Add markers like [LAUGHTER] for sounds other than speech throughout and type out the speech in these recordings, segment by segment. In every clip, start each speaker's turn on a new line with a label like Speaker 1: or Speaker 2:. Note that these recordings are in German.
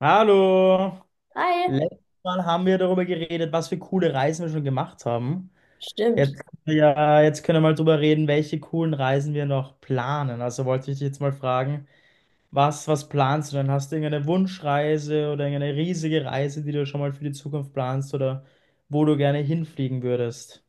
Speaker 1: Hallo!
Speaker 2: Hi,
Speaker 1: Letztes Mal haben wir darüber geredet, was für coole Reisen wir schon gemacht haben. Jetzt
Speaker 2: stimmt.
Speaker 1: können wir ja, jetzt können wir mal drüber reden, welche coolen Reisen wir noch planen. Also wollte ich dich jetzt mal fragen, was planst du denn? Hast du irgendeine Wunschreise oder irgendeine riesige Reise, die du schon mal für die Zukunft planst oder wo du gerne hinfliegen würdest?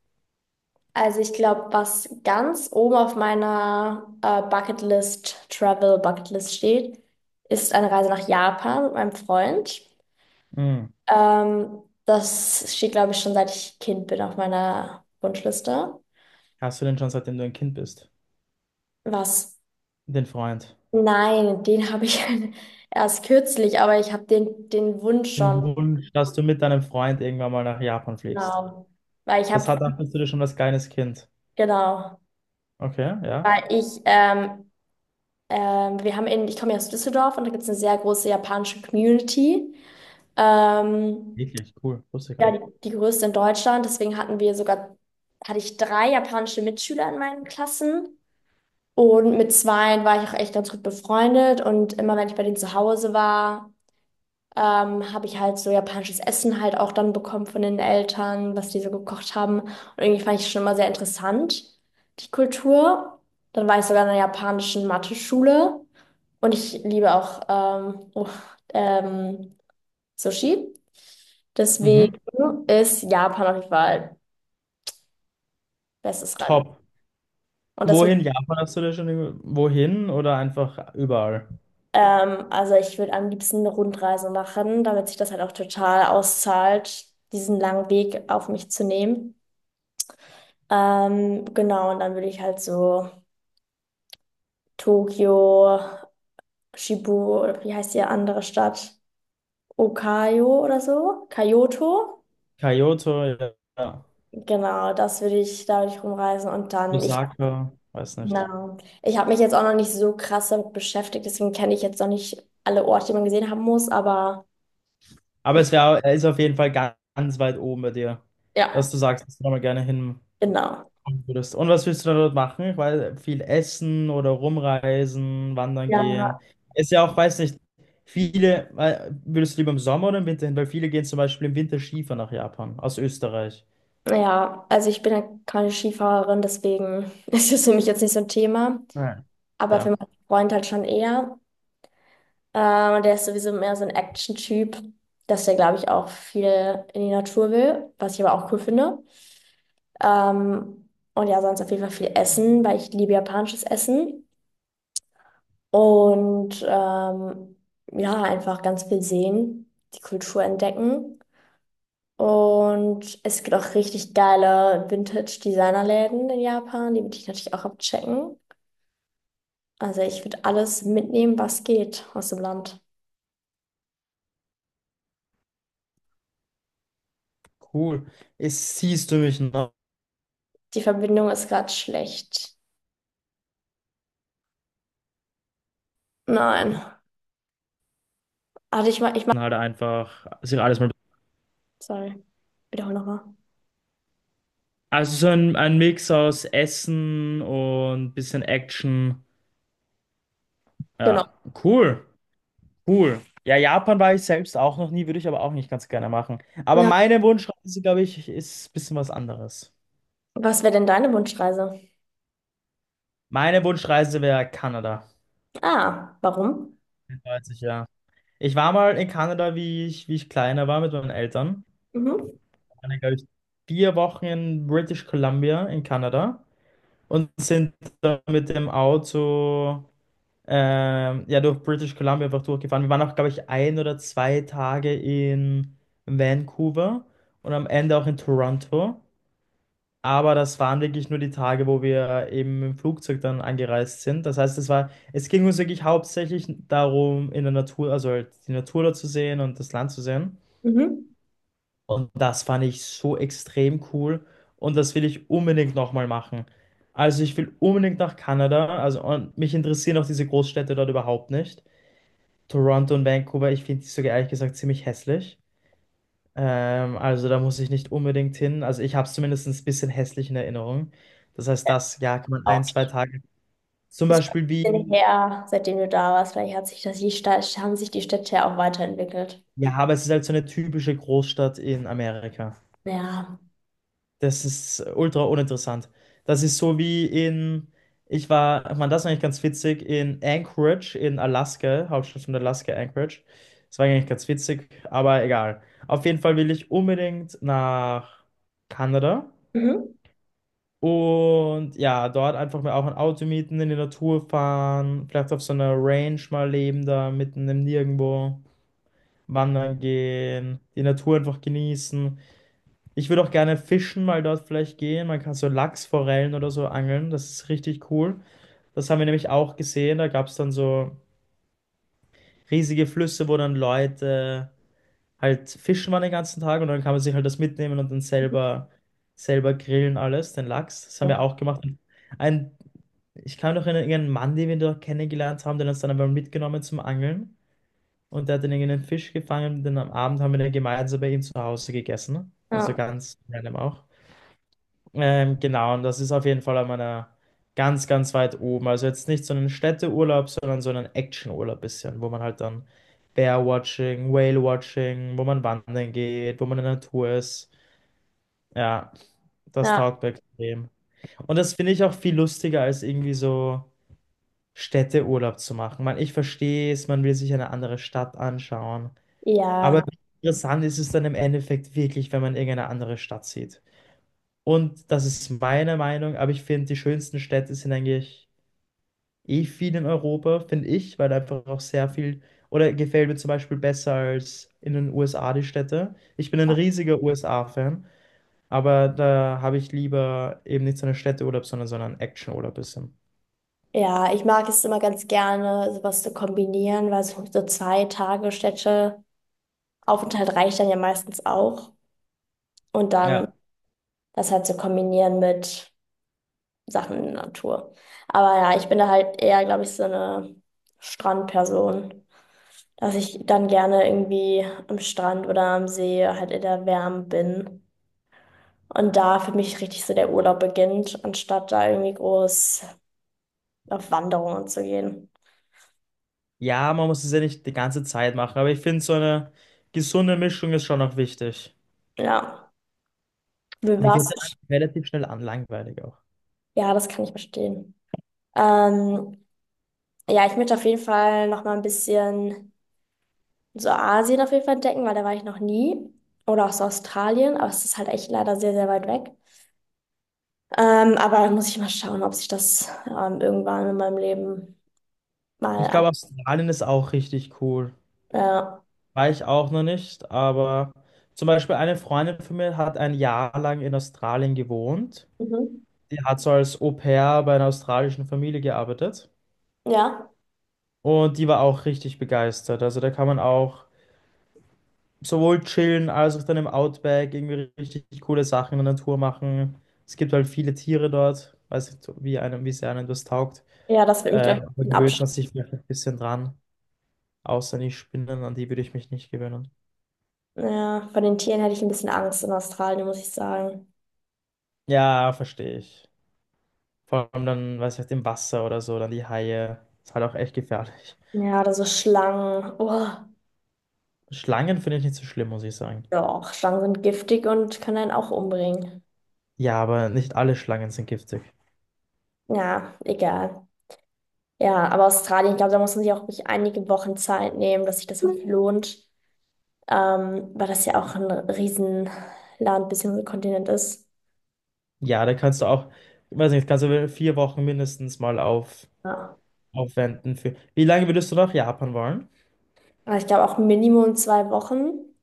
Speaker 2: Also ich glaube, was ganz oben auf meiner Bucketlist, Travel Bucketlist steht, ist eine Reise nach Japan mit meinem Freund.
Speaker 1: Hm.
Speaker 2: Das steht, glaube ich, schon seit ich Kind bin auf meiner Wunschliste.
Speaker 1: Hast du denn schon, seitdem du ein Kind bist?
Speaker 2: Was?
Speaker 1: Den Freund.
Speaker 2: Nein, den habe ich [LAUGHS] erst kürzlich, aber ich habe den Wunsch
Speaker 1: Den
Speaker 2: schon,
Speaker 1: Wunsch, dass du mit deinem Freund irgendwann mal nach Japan fliegst.
Speaker 2: genau. Weil ich
Speaker 1: Das
Speaker 2: habe,
Speaker 1: hat, dachtest du dir schon als kleines Kind.
Speaker 2: genau,
Speaker 1: Okay, ja.
Speaker 2: weil ich wir haben ich komme ja aus Düsseldorf und da gibt es eine sehr große japanische Community. Ähm,
Speaker 1: Wirklich cool, wusste ich gar
Speaker 2: ja,
Speaker 1: nicht.
Speaker 2: die größte in Deutschland. Deswegen hatten wir sogar, Hatte ich 3 japanische Mitschüler in meinen Klassen. Und mit zweien war ich auch echt ganz gut befreundet. Und immer wenn ich bei denen zu Hause war, habe ich halt so japanisches Essen halt auch dann bekommen von den Eltern, was die so gekocht haben. Und irgendwie fand ich schon immer sehr interessant, die Kultur. Dann war ich sogar in einer japanischen Mathe-Schule. Und ich liebe auch ähm, Sushi.
Speaker 1: Mhm.
Speaker 2: Deswegen ist Japan auf jeden Fall bestes Reisen.
Speaker 1: Top.
Speaker 2: Und das würde,
Speaker 1: Wohin Japan hast du da schon? Wohin oder einfach überall?
Speaker 2: also ich würde am liebsten eine Rundreise machen, damit sich das halt auch total auszahlt, diesen langen Weg auf mich zu nehmen. Genau, und dann würde ich halt so Tokio, Shibu, oder wie heißt die andere Stadt? Okayo oder so? Kyoto.
Speaker 1: Kyoto, ja. Ja.
Speaker 2: Da würde ich rumreisen und dann, ich
Speaker 1: Osaka, weiß nicht.
Speaker 2: Genau. Ich habe mich jetzt auch noch nicht so krass damit beschäftigt, deswegen kenne ich jetzt noch nicht alle Orte, die man gesehen haben muss, aber
Speaker 1: Aber
Speaker 2: ich,
Speaker 1: es wär, er ist auf jeden Fall ganz weit oben bei dir,
Speaker 2: ja,
Speaker 1: dass du sagst, dass du da mal gerne hin
Speaker 2: genau.
Speaker 1: würdest. Und was willst du da dort machen? Weil viel essen oder rumreisen, wandern
Speaker 2: Ja,
Speaker 1: gehen. Ist ja auch, weiß nicht, viele, würdest du lieber im Sommer oder im Winter hin? Weil viele gehen zum Beispiel im Winter Skifahren nach Japan, aus Österreich.
Speaker 2: ja, also ich bin ja keine Skifahrerin, deswegen [LAUGHS] ist das für mich jetzt nicht so ein Thema,
Speaker 1: Ja.
Speaker 2: aber für
Speaker 1: Ja.
Speaker 2: meinen Freund halt schon eher. Und der ist sowieso mehr so ein Action-Typ, dass der, glaube ich, auch viel in die Natur will, was ich aber auch cool finde. Ähm, und ja, sonst auf jeden Fall viel Essen, weil ich liebe japanisches Essen. Und ja, einfach ganz viel sehen, die Kultur entdecken. Und es gibt auch richtig geile Vintage-Designerläden in Japan, die würde ich natürlich auch abchecken. Also ich würde alles mitnehmen, was geht aus dem Land.
Speaker 1: Cool. Es siehst du mich noch
Speaker 2: Die Verbindung ist gerade schlecht. Nein. Also ich mach,
Speaker 1: halt einfach sich alles mal.
Speaker 2: sorry, wiederhole nochmal.
Speaker 1: Also so ein Mix aus Essen und bisschen Action.
Speaker 2: Genau.
Speaker 1: Ja, cool, cool. Ja, Japan war ich selbst auch noch nie, würde ich aber auch nicht ganz gerne machen. Aber
Speaker 2: Ja.
Speaker 1: meine Wunschreise, glaube ich, ist ein bisschen was anderes.
Speaker 2: Was wäre denn deine Wunschreise?
Speaker 1: Meine Wunschreise wäre Kanada.
Speaker 2: Ah, warum?
Speaker 1: 30, ja. Ich war mal in Kanada, wie ich kleiner war mit meinen Eltern.
Speaker 2: Mhm.
Speaker 1: Ich war, glaube ich, 4 Wochen in British Columbia in Kanada und sind dann mit dem Auto ja durch British Columbia einfach durchgefahren. Wir waren auch, glaube ich, 1 oder 2 Tage in Vancouver und am Ende auch in Toronto. Aber das waren wirklich nur die Tage, wo wir eben im Flugzeug dann angereist sind. Das heißt, es ging uns wirklich hauptsächlich darum, in der Natur, also halt die Natur da zu sehen und das Land zu sehen.
Speaker 2: Mhm.
Speaker 1: Und das fand ich so extrem cool und das will ich unbedingt nochmal machen. Also ich will unbedingt nach Kanada, also und mich interessieren auch diese Großstädte dort überhaupt nicht. Toronto und Vancouver, ich finde die sogar ehrlich gesagt ziemlich hässlich. Also da muss ich nicht unbedingt hin. Also ich habe es zumindest ein bisschen hässlich in Erinnerung. Das heißt, das, ja, kann man ein, zwei Tage. Zum
Speaker 2: Ist schon
Speaker 1: Beispiel
Speaker 2: ein bisschen
Speaker 1: wie,
Speaker 2: her, seitdem du da warst. Vielleicht hat sich haben sich die Städte ja auch weiterentwickelt.
Speaker 1: ja, aber es ist halt so eine typische Großstadt in Amerika.
Speaker 2: Ja.
Speaker 1: Das ist ultra uninteressant. Das ist so wie in, ich war, man, das ist eigentlich ganz witzig, in Anchorage in Alaska, Hauptstadt von Alaska, Anchorage. Das war eigentlich ganz witzig, aber egal. Auf jeden Fall will ich unbedingt nach Kanada
Speaker 2: Mhm.
Speaker 1: und ja, dort einfach mal auch ein Auto mieten, in die Natur fahren, vielleicht auf so einer Range mal leben, da mitten im Nirgendwo wandern gehen, die Natur einfach genießen. Ich würde auch gerne fischen mal dort vielleicht gehen. Man kann so Lachsforellen oder so angeln. Das ist richtig cool. Das haben wir nämlich auch gesehen. Da gab es dann so riesige Flüsse, wo dann Leute halt fischen waren den ganzen Tag und dann kann man sich halt das mitnehmen und dann selber grillen alles, den Lachs. Das haben
Speaker 2: Ja,
Speaker 1: wir auch gemacht. Und Ein, ich kann noch erinnern, irgendeinen Mann, den wir dort kennengelernt haben, den uns dann aber mitgenommen zum Angeln. Und der hat dann irgendeinen Fisch gefangen. Dann am Abend haben wir den gemeinsam bei ihm zu Hause gegessen. Also
Speaker 2: ja,
Speaker 1: ganz random auch. Genau, und das ist auf jeden Fall an meiner ganz weit oben. Also jetzt nicht so einen Städteurlaub, sondern so einen Actionurlaub bisschen, wo man halt dann Bear-Watching, Whale-Watching, wo man wandern geht, wo man in der Natur ist. Ja, das taugt mir extrem. Und das finde ich auch viel lustiger, als irgendwie so Städteurlaub zu machen. Man, ich verstehe es, man will sich eine andere Stadt anschauen.
Speaker 2: ja,
Speaker 1: Aber wie
Speaker 2: ja.
Speaker 1: interessant ist es dann im Endeffekt wirklich, wenn man irgendeine andere Stadt sieht? Und das ist meine Meinung, aber ich finde, die schönsten Städte sind eigentlich eh viel in Europa, finde ich, weil einfach auch sehr viel, oder gefällt mir zum Beispiel besser als in den USA die Städte. Ich bin ein riesiger USA-Fan, aber da habe ich lieber eben nicht so einen Städteurlaub, sondern so einen Actionurlaub bisschen.
Speaker 2: Ja, ich mag es immer ganz gerne, sowas zu kombinieren, weil so, so zwei Tage Städte Aufenthalt reicht dann ja meistens auch. Und dann
Speaker 1: Ja.
Speaker 2: das halt zu kombinieren mit Sachen in der Natur. Aber ja, ich bin da halt eher, glaube ich, so eine Strandperson, dass ich dann gerne irgendwie am Strand oder am See halt in der Wärme bin. Und da für mich richtig so der Urlaub beginnt, anstatt da irgendwie groß auf Wanderungen zu gehen.
Speaker 1: Ja, man muss es ja nicht die ganze Zeit machen, aber ich finde, so eine gesunde Mischung ist schon noch wichtig.
Speaker 2: Ja, wie
Speaker 1: Mir wird dann
Speaker 2: war's?
Speaker 1: relativ schnell an langweilig auch.
Speaker 2: Ja, das kann ich verstehen. Ähm, ja, ich möchte auf jeden Fall noch mal ein bisschen so Asien auf jeden Fall entdecken, weil da war ich noch nie. Oder auch so Australien, aber es ist halt echt leider sehr, sehr weit weg. Aber da muss ich mal schauen, ob sich das irgendwann in meinem Leben mal
Speaker 1: Ich
Speaker 2: an,
Speaker 1: glaube, Australien ist auch richtig cool.
Speaker 2: äh,
Speaker 1: War ich auch noch nicht, aber zum Beispiel eine Freundin von mir hat 1 Jahr lang in Australien gewohnt.
Speaker 2: Mhm.
Speaker 1: Die hat so als Au-pair bei einer australischen Familie gearbeitet
Speaker 2: Ja.
Speaker 1: und die war auch richtig begeistert. Also da kann man auch sowohl chillen als auch dann im Outback irgendwie richtig coole Sachen in der Natur machen. Es gibt halt viele Tiere dort, weiß nicht, wie einem, wie sehr einem das taugt.
Speaker 2: Ja, das wird mich, glaube ich,
Speaker 1: Da
Speaker 2: ein bisschen
Speaker 1: gewöhnt man
Speaker 2: abschrecken.
Speaker 1: sich vielleicht ein bisschen dran, außer die Spinnen, an die würde ich mich nicht gewöhnen.
Speaker 2: Ja, von den Tieren hätte ich ein bisschen Angst in Australien, muss ich sagen.
Speaker 1: Ja, verstehe ich. Vor allem dann, weiß ich, im Wasser oder so, dann die Haie. Ist halt auch echt gefährlich.
Speaker 2: Ja, oder so Schlangen. Oh,
Speaker 1: Schlangen finde ich nicht so schlimm, muss ich sagen.
Speaker 2: doch, Schlangen sind giftig und können einen auch umbringen.
Speaker 1: Ja, aber nicht alle Schlangen sind giftig.
Speaker 2: Ja, egal. Ja, aber Australien, ich glaube, da muss man sich auch wirklich einige Wochen Zeit nehmen, dass sich das wirklich Mhm. lohnt. Weil das ja auch ein Riesenland bzw. Kontinent ist.
Speaker 1: Ja, da kannst du auch, weiß nicht, kannst du 4 Wochen mindestens mal
Speaker 2: Ja.
Speaker 1: aufwenden für. Wie lange würdest du nach Japan wollen?
Speaker 2: Aber ich glaube auch Minimum 2 Wochen,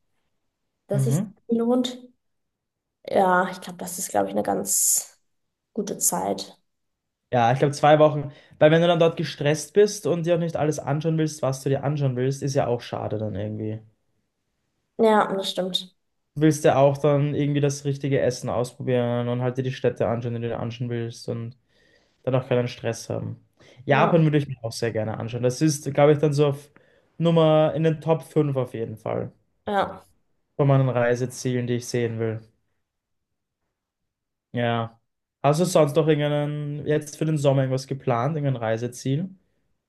Speaker 2: dass sich
Speaker 1: Mhm.
Speaker 2: lohnt. Ja, ich glaube, das ist, glaube ich, eine ganz gute Zeit.
Speaker 1: Ja, ich glaube 2 Wochen. Weil wenn du dann dort gestresst bist und dir auch nicht alles anschauen willst, was du dir anschauen willst, ist ja auch schade dann irgendwie.
Speaker 2: Ja, das stimmt.
Speaker 1: Du willst ja auch dann irgendwie das richtige Essen ausprobieren und halt dir die Städte anschauen, die du dir anschauen willst und dann auch keinen Stress haben.
Speaker 2: Ja,
Speaker 1: Japan würde ich mir auch sehr gerne anschauen. Das ist, glaube ich, dann so auf Nummer in den Top 5 auf jeden Fall
Speaker 2: ja.
Speaker 1: von meinen Reisezielen, die ich sehen will. Ja. Hast du sonst noch irgendeinen, jetzt für den Sommer irgendwas geplant, irgendein Reiseziel?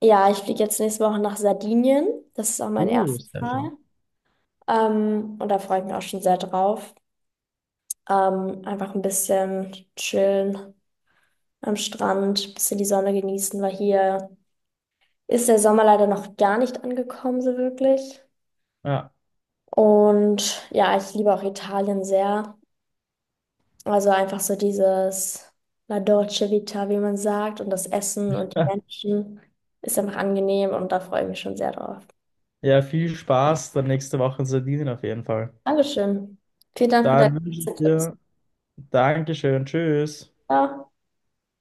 Speaker 2: Ja, ich fliege jetzt nächste Woche nach Sardinien. Das ist auch mein erstes
Speaker 1: Sehr schön.
Speaker 2: Mal. Und da freue ich mich auch schon sehr drauf. Einfach ein bisschen chillen am Strand, ein bisschen die Sonne genießen, weil hier ist der Sommer leider noch gar nicht angekommen, so wirklich.
Speaker 1: Ja.
Speaker 2: Und ja, ich liebe auch Italien sehr. Also einfach so dieses La Dolce Vita, wie man sagt, und das Essen und die
Speaker 1: [LAUGHS]
Speaker 2: Menschen ist einfach angenehm und da freue ich mich schon sehr drauf.
Speaker 1: Ja, viel Spaß dann nächste Woche in Sardinien auf jeden Fall.
Speaker 2: Dankeschön. Vielen Dank für deine
Speaker 1: Dann wünsche ich
Speaker 2: ganzen Tipps.
Speaker 1: dir Dankeschön, tschüss.
Speaker 2: Ciao.